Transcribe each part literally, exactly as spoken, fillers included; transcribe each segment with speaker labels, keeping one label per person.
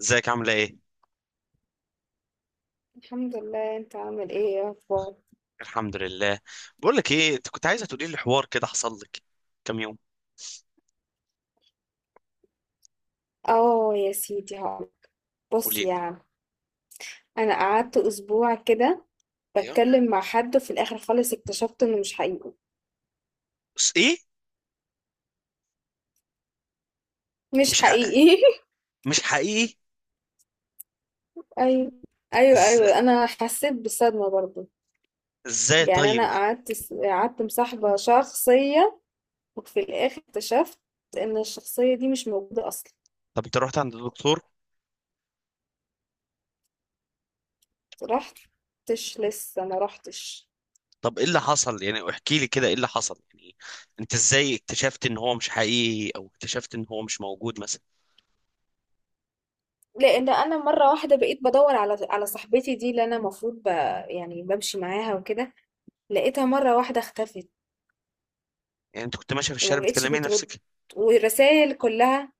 Speaker 1: ازيك؟ عامله ايه؟
Speaker 2: الحمد لله. انت عامل ايه يا اخبار؟
Speaker 1: الحمد لله. بقول لك ايه، انت كنت عايزه تقولي لي حوار كده حصل لك كام يوم.
Speaker 2: اه يا سيدي هقول.
Speaker 1: قولي
Speaker 2: بص يا
Speaker 1: لي.
Speaker 2: عم، انا قعدت اسبوع كده
Speaker 1: ايوه،
Speaker 2: بتكلم مع حد، وفي الاخر خالص اكتشفت انه مش حقيقي،
Speaker 1: بس ايه؟
Speaker 2: مش
Speaker 1: مش حق...
Speaker 2: حقيقي.
Speaker 1: مش حقيقي؟
Speaker 2: ايوه ايوه
Speaker 1: ازاي؟
Speaker 2: ايوه، انا حسيت بالصدمه برضو.
Speaker 1: ازاي
Speaker 2: يعني انا
Speaker 1: طيب؟
Speaker 2: قعدت س- قعدت مصاحبه شخصيه، وفي الاخر اكتشفت ان الشخصيه دي مش موجوده اصلا.
Speaker 1: طب انت رحت عند الدكتور؟
Speaker 2: رحتش، لسه ما رحتش.
Speaker 1: طب ايه اللي حصل يعني؟ احكي لي كده ايه اللي حصل يعني. انت ازاي اكتشفت ان هو مش حقيقي، او اكتشفت ان هو مش موجود مثلا؟
Speaker 2: لان انا مره واحده بقيت بدور على على صاحبتي دي اللي انا المفروض ب... يعني بمشي معاها وكده، لقيتها مره واحده اختفت،
Speaker 1: يعني انت كنت ماشيه في
Speaker 2: وما
Speaker 1: الشارع
Speaker 2: بقتش
Speaker 1: بتكلمي
Speaker 2: بترد.
Speaker 1: نفسك؟
Speaker 2: والرسائل كلها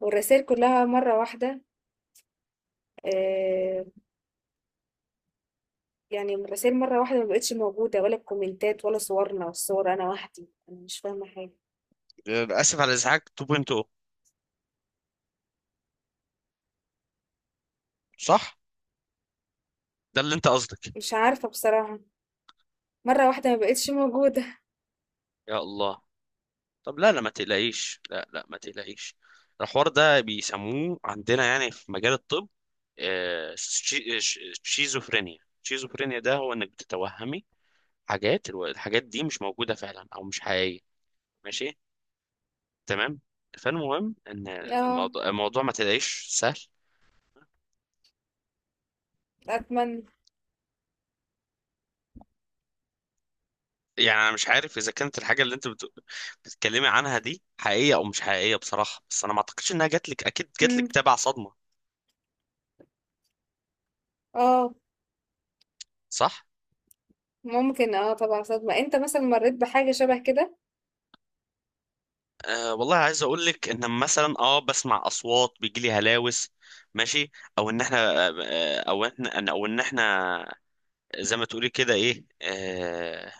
Speaker 2: والرسائل كلها مره واحده. آه، يعني الرسائل مره واحده ما بقتش موجوده، ولا الكومنتات، ولا صورنا، والصور انا وحدي. انا مش فاهمه حاجه،
Speaker 1: اسف على الازعاج اتنين نقطة صفر. صح، ده اللي انت قصدك؟
Speaker 2: مش عارفه بصراحه. مره واحده ما بقتش موجوده.
Speaker 1: يا الله. طب لا لا ما تقلقيش، لا لا ما تقلقيش. الحوار ده بيسموه عندنا يعني في مجال الطب آه، شي- ش- شيزوفرينيا. شيزوفرينيا ده هو انك بتتوهمي حاجات، الو- الحاجات دي مش موجودة فعلا او مش حقيقية. ماشي، تمام. فالمهم ان
Speaker 2: اه،
Speaker 1: الموضوع, الموضوع ما تلاقيش سهل.
Speaker 2: اتمنى.
Speaker 1: يعني انا مش عارف اذا كانت الحاجة اللي انت بت... بتتكلمي عنها دي حقيقية او مش حقيقية بصراحة، بس انا ما اعتقدش انها جاتلك، اكيد جاتلك
Speaker 2: مم.
Speaker 1: تبع صدمة،
Speaker 2: اه،
Speaker 1: صح.
Speaker 2: ممكن، اه طبعا صدمه. انت مثلا مريت بحاجه شبه كده؟
Speaker 1: أه والله عايز اقول لك ان مثلا اه بسمع اصوات، بيجي لي هلاوس. ماشي. او ان احنا، آه، او احنا او ان احنا زي ما تقولي كده ايه أه.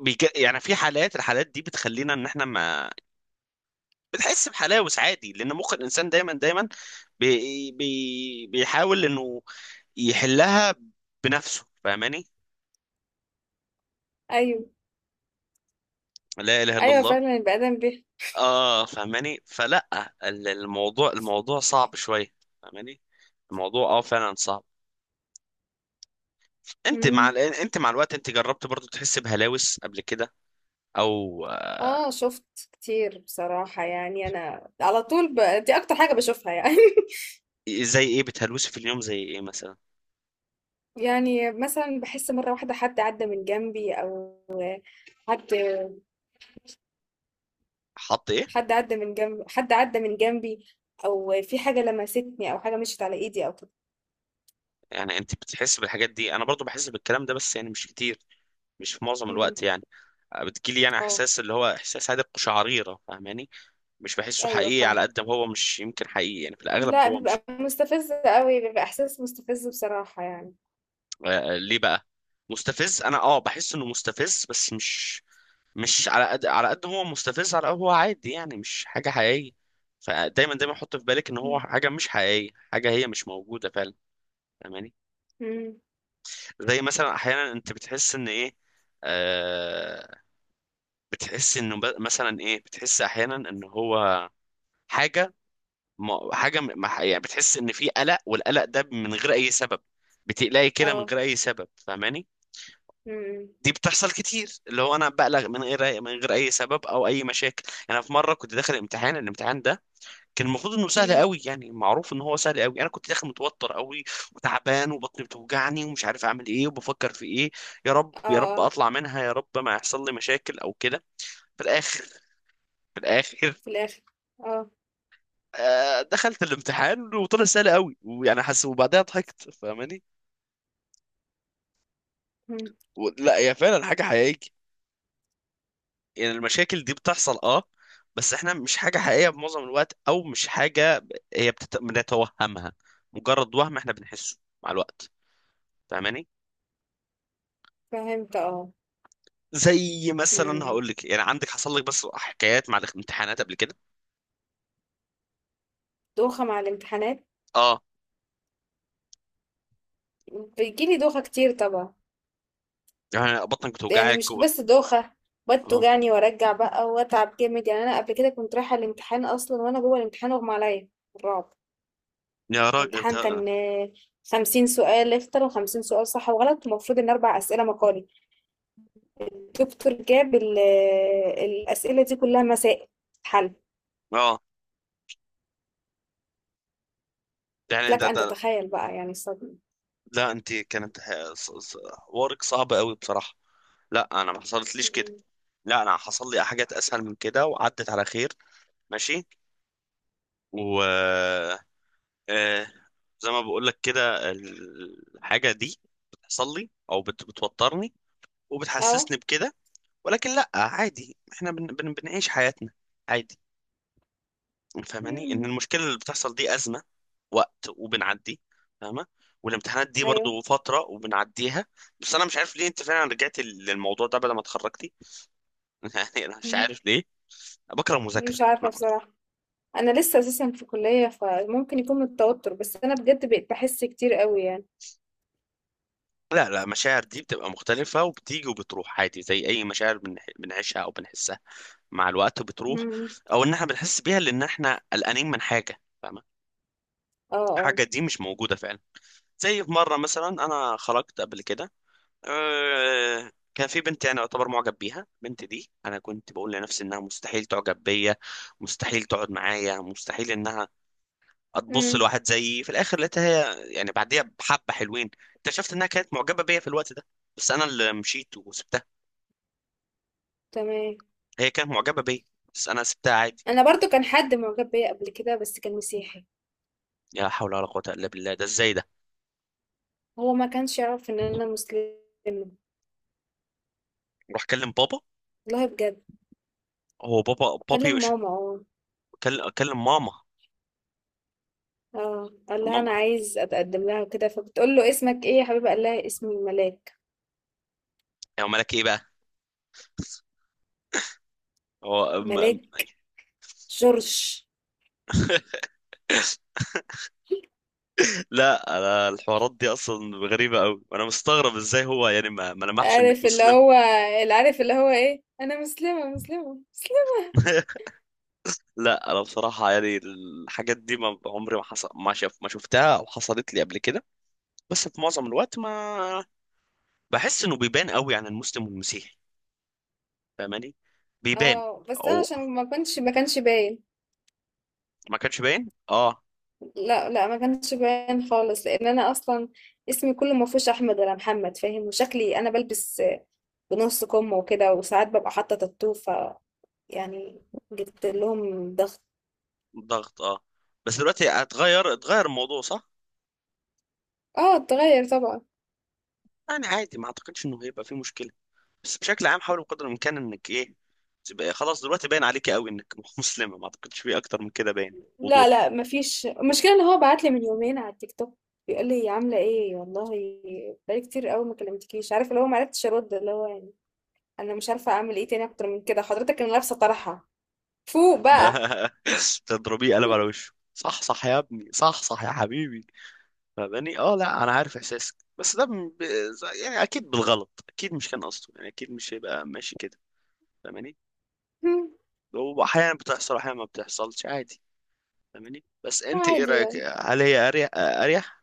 Speaker 1: بيج... يعني في حالات، الحالات دي بتخلينا ان احنا ما بنحس بحلاوس عادي، لان مخ الانسان دايما دايما بي... بي... بيحاول انه يحلها بنفسه، فاهماني؟
Speaker 2: ايوه،
Speaker 1: لا اله الا
Speaker 2: ايوه
Speaker 1: الله.
Speaker 2: فعلا البني ادم بيه.
Speaker 1: اه، فاهماني؟ فلا، ال- الموضوع الموضوع صعب شويه، فاهماني؟ الموضوع اه فعلا صعب. انت مع ال-
Speaker 2: مم.
Speaker 1: انت مع الوقت انت جربت برضو تحس بهلاوس قبل كده؟ او
Speaker 2: اه،
Speaker 1: آه،
Speaker 2: شفت كتير بصراحه. يعني انا على طول ب... دي اكتر حاجه بشوفها يعني.
Speaker 1: زي ايه بتهلوسي في اليوم؟ زي ايه مثلا؟
Speaker 2: يعني مثلا بحس مره واحده حد عدى من جنبي، او حد
Speaker 1: حط ايه؟
Speaker 2: حد عدى من جنب حد عدى من جنبي، او في حاجه لمستني، او حاجه مشيت على ايدي او كده.
Speaker 1: يعني انت بتحس بالحاجات دي؟ انا برضو بحس بالكلام ده بس يعني مش كتير، مش في معظم
Speaker 2: مم.
Speaker 1: الوقت يعني. آه، بتجيلي يعني
Speaker 2: اه.
Speaker 1: احساس، اللي هو احساس هادئ، قشعريرة، فاهماني؟ مش بحسه
Speaker 2: ايوه
Speaker 1: حقيقي على
Speaker 2: فاهمه.
Speaker 1: قد ما هو، مش يمكن حقيقي يعني، في الاغلب
Speaker 2: لا،
Speaker 1: هو مش.
Speaker 2: بيبقى مستفز قوي، بيبقى احساس مستفز بصراحه يعني.
Speaker 1: آه، ليه بقى مستفز؟ انا اه بحس انه مستفز بس مش، مش على قد، على قد هو مستفز، على قد هو عادي يعني، مش حاجة حقيقية. فدايما دايما حط في بالك ان هو
Speaker 2: مم.
Speaker 1: حاجة مش حقيقية، حاجة هي مش موجودة فعلا، فاهماني؟
Speaker 2: مم.
Speaker 1: زي مثلا احيانا انت بتحس ان ايه، آه، بتحس انه ب- مثلا ايه، بتحس احيانا ان هو حاجة، ما حاجة م- ما- يعني بتحس ان في قلق، والقلق ده من غير اي سبب. بتقلقي كده من
Speaker 2: اه.
Speaker 1: غير اي سبب، فاهماني؟
Speaker 2: مم.
Speaker 1: دي بتحصل كتير، اللي هو انا بقلق من غير من غير اي سبب او اي مشاكل. انا في مره كنت داخل امتحان، الامتحان ده كان المفروض انه سهل
Speaker 2: مم.
Speaker 1: قوي، يعني معروف ان هو سهل قوي، انا كنت داخل متوتر قوي وتعبان وبطني بتوجعني ومش عارف اعمل ايه وبفكر في ايه. يا رب
Speaker 2: اه.
Speaker 1: يا رب
Speaker 2: اه
Speaker 1: اطلع منها، يا رب ما يحصل لي مشاكل او كده. في الاخر في الاخر
Speaker 2: في الاخر. اه.
Speaker 1: آه دخلت الامتحان وطلع سهل قوي ويعني حس، وبعدها ضحكت، فاهماني؟
Speaker 2: إمم.
Speaker 1: و- لا هي فعلا حاجه حقيقيه، يعني المشاكل دي بتحصل اه، بس احنا مش حاجه حقيقيه بمعظم الوقت، او مش حاجه هي بتت... بنتوهمها، مجرد وهم احنا بنحسه مع الوقت، فاهماني؟
Speaker 2: فهمت، اه.
Speaker 1: زي مثلا
Speaker 2: امم،
Speaker 1: هقول لك، يعني عندك حصل لك بس حكايات مع الامتحانات قبل كده؟
Speaker 2: دوخة مع الامتحانات.
Speaker 1: اه،
Speaker 2: بيجيلي دوخة كتير طبعا.
Speaker 1: يعني بطنك
Speaker 2: يعني
Speaker 1: بتوجعك
Speaker 2: مش
Speaker 1: و...
Speaker 2: بس دوخة، بقعد
Speaker 1: اه،
Speaker 2: توجعني وارجع بقى واتعب جامد. يعني انا قبل كده كنت رايحة الامتحان، اصلا وانا جوه الامتحان اغمى عليا. الرعب!
Speaker 1: يا راجل
Speaker 2: الامتحان
Speaker 1: بتا...
Speaker 2: كان، آه، خمسين سؤال اختر، وخمسين سؤال صح وغلط، ومفروض ان اربع اسئلة مقالي. الدكتور جاب ال- آه، الاسئلة دي كلها مسائل حل.
Speaker 1: اه، يعني
Speaker 2: لك
Speaker 1: ده،
Speaker 2: ان
Speaker 1: ده،
Speaker 2: تتخيل بقى يعني الصدمة.
Speaker 1: لا انت كانت ح- ص- ص- حوارك صعب قوي بصراحة. لا انا ما حصلتليش كده،
Speaker 2: أمم.
Speaker 1: لا انا حصل لي حاجات اسهل من كده وعدت على خير. ماشي، و آه، زي ما بقول لك كده، الحاجة دي بتحصل لي او بت... بتوترني
Speaker 2: اه.
Speaker 1: وبتحسسني بكده، ولكن لا عادي، احنا بن بن بنعيش حياتنا عادي، فاهماني؟ ان
Speaker 2: أمم.
Speaker 1: المشكله اللي بتحصل دي ازمه وقت وبنعدي، فاهمه؟ والامتحانات دي
Speaker 2: ايوه.
Speaker 1: برضو فتره وبنعديها. بس انا مش عارف ليه انت فعلا رجعت للموضوع ده بعد ما اتخرجتي. يعني انا مش
Speaker 2: أمم.
Speaker 1: عارف ليه بكره المذاكره.
Speaker 2: مش عارفة
Speaker 1: أنا-
Speaker 2: بصراحة. انا لسه اساسا في كلية، فممكن يكون من التوتر، بس انا بجد بقيت بحس كتير قوي يعني.
Speaker 1: لا لا، المشاعر دي بتبقى مختلفه، وبتيجي وبتروح عادي زي اي مشاعر بنح- بنعيشها او بنحسها، مع الوقت بتروح،
Speaker 2: مم.
Speaker 1: او ان احنا بنحس بيها لان احنا قلقانين من حاجه، فاهمه؟
Speaker 2: اه. اه.
Speaker 1: حاجه دي مش موجوده فعلا. زي في مرة مثلا أنا خرجت قبل كده، أه كان في بنت، يعني أعتبر معجب بيها البنت دي، أنا كنت بقول لنفسي إنها مستحيل تعجب بيا، مستحيل تقعد معايا، مستحيل إنها هتبص
Speaker 2: امم.
Speaker 1: لواحد زيي. في الآخر لقيتها هي يعني بعديها بحبة حلوين اكتشفت إنها كانت معجبة بيا في الوقت ده، بس أنا اللي مشيت وسبتها.
Speaker 2: تمام.
Speaker 1: هي كانت معجبة بيا بس أنا سبتها عادي.
Speaker 2: انا برضو كان حد معجب بيا قبل كده، بس كان مسيحي.
Speaker 1: لا حول ولا قوة إلا بالله، ده إزاي ده؟
Speaker 2: هو ما كانش يعرف ان انا مسلمة.
Speaker 1: روح كلم بابا.
Speaker 2: والله بجد.
Speaker 1: هو بابا بابي
Speaker 2: اكلم
Speaker 1: وش؟
Speaker 2: ماما. اه.
Speaker 1: كل- كلم ماما.
Speaker 2: اه، قال لها انا
Speaker 1: ماما،
Speaker 2: عايز اتقدم لها وكده، فبتقول له اسمك ايه يا حبيبه؟ قال لها اسمي ملاك.
Speaker 1: يا مالك إيه بقى. هو،
Speaker 2: ملاك جورج.
Speaker 1: لا انا الحوارات دي اصلا غريبه قوي، وانا مستغرب ازاي هو يعني ما, ما لمحش انك
Speaker 2: عارف اللي
Speaker 1: مسلم.
Speaker 2: هو اللي عارف اللي هو ايه، انا مسلمه مسلمه مسلمه.
Speaker 1: لا انا بصراحه يعني الحاجات دي ما عمري، ما حصل ما شف ما شفتها او حصلت لي قبل كده. بس في معظم الوقت ما، بحس انه بيبان قوي عن المسلم والمسيحي، فاهماني؟ بيبان.
Speaker 2: اه، بس انا
Speaker 1: او
Speaker 2: عشان ما كنتش ما كانش باين.
Speaker 1: ما كانش باين، اه.
Speaker 2: لا لا، ما كانش باين خالص. لان انا اصلا اسمي كله ما فيهوش احمد ولا محمد، فاهم؟ وشكلي انا بلبس بنص كم وكده، وساعات ببقى حاطه تاتو، ف يعني جبت لهم ضغط.
Speaker 1: ضغط، اه. بس دلوقتي اتغير، اتغير الموضوع، صح؟
Speaker 2: اه اتغير طبعا.
Speaker 1: يعني عادي، ما اعتقدش انه هيبقى فيه مشكله. بس بشكل عام حاول بقدر الامكان انك ايه، تبقى خلاص دلوقتي باين عليك قوي انك مسلمه، ما اعتقدش في اكتر من كده باين
Speaker 2: لا
Speaker 1: وضوح.
Speaker 2: لا، ما فيش. المشكله ان هو بعت لي من يومين على التيك توك بيقول لي عامله ايه والله، بقالي كتير قوي ما كلمتكيش. عارف اللي هو، ما عرفتش ارد. اللي هو يعني، انا مش عارفه اعمل ايه تاني اكتر من كده، حضرتك انا لابسه طرحه فوق بقى.
Speaker 1: تضربيه قلم على وشه. صح صح يا ابني، صح صح يا حبيبي، فاهماني؟ اه لا انا عارف احساسك، بس ده م- ب... يعني اكيد بالغلط، اكيد مش كان قصده، يعني اكيد مش هيبقى ماشي كده، فاهماني؟ واحيانا بتحصل، احيانا ما بتحصلش، عادي، فاهماني؟ بس انت ايه
Speaker 2: عادي
Speaker 1: رايك،
Speaker 2: يعني.
Speaker 1: هل هي اريح؟ اريح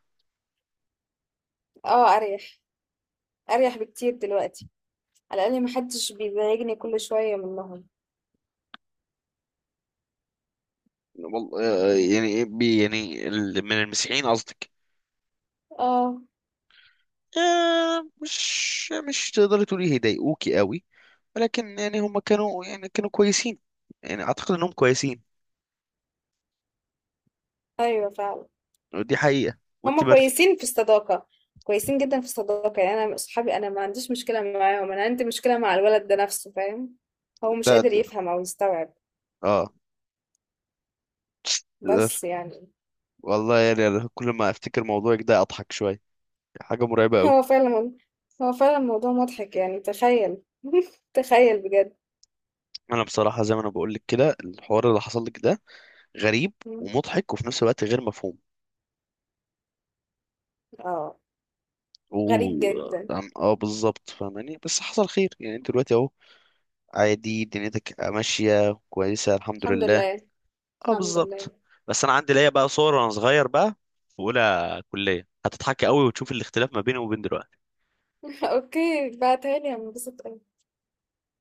Speaker 2: اه، اريح، اريح بكتير دلوقتي. على الاقل محدش بيزعجني كل شويه منهم.
Speaker 1: والله؟ يعني إيه بي- يعني ال- من المسيحيين قصدك؟
Speaker 2: اه.
Speaker 1: آه، مش مش تقدري تقولي هيضايقوكي قوي، ولكن يعني هم كانوا يعني كانوا كويسين، يعني اعتقد انهم كويسين،
Speaker 2: ايوه فعلا.
Speaker 1: ودي حقيقة. وانت
Speaker 2: هما
Speaker 1: برد.
Speaker 2: كويسين في الصداقه، كويسين جدا في الصداقه. يعني انا اصحابي، انا ما عنديش مشكله معاهم، انا عندي مشكله مع الولد ده نفسه، فاهم؟ هو مش
Speaker 1: ده,
Speaker 2: قادر
Speaker 1: ده
Speaker 2: يفهم او يستوعب.
Speaker 1: اه، تقدر.
Speaker 2: بس يعني.
Speaker 1: والله يعني أنا كل ما افتكر موضوعك ده اضحك شوية. حاجة مرعبة قوي.
Speaker 2: هو فعلا، هو فعلا الموضوع مضحك يعني، تخيل. تخيل بجد.
Speaker 1: انا بصراحة زي ما انا بقول لك كده، الحوار اللي حصل لك ده غريب ومضحك وفي نفس الوقت غير مفهوم،
Speaker 2: اه،
Speaker 1: و
Speaker 2: غريب جدا.
Speaker 1: اه، آه، بالظبط، فاهماني؟ بس حصل خير، يعني انت دلوقتي اهو عادي، دنيتك ماشية كويسة الحمد
Speaker 2: الحمد
Speaker 1: لله.
Speaker 2: لله،
Speaker 1: اه
Speaker 2: الحمد
Speaker 1: بالظبط.
Speaker 2: لله.
Speaker 1: بس انا عندي ليا بقى صور وانا صغير بقى في اولى كليه، هتضحك قوي وتشوف الاختلاف ما بيني وبين دلوقتي.
Speaker 2: اوكي، بعتها لي هنبسط.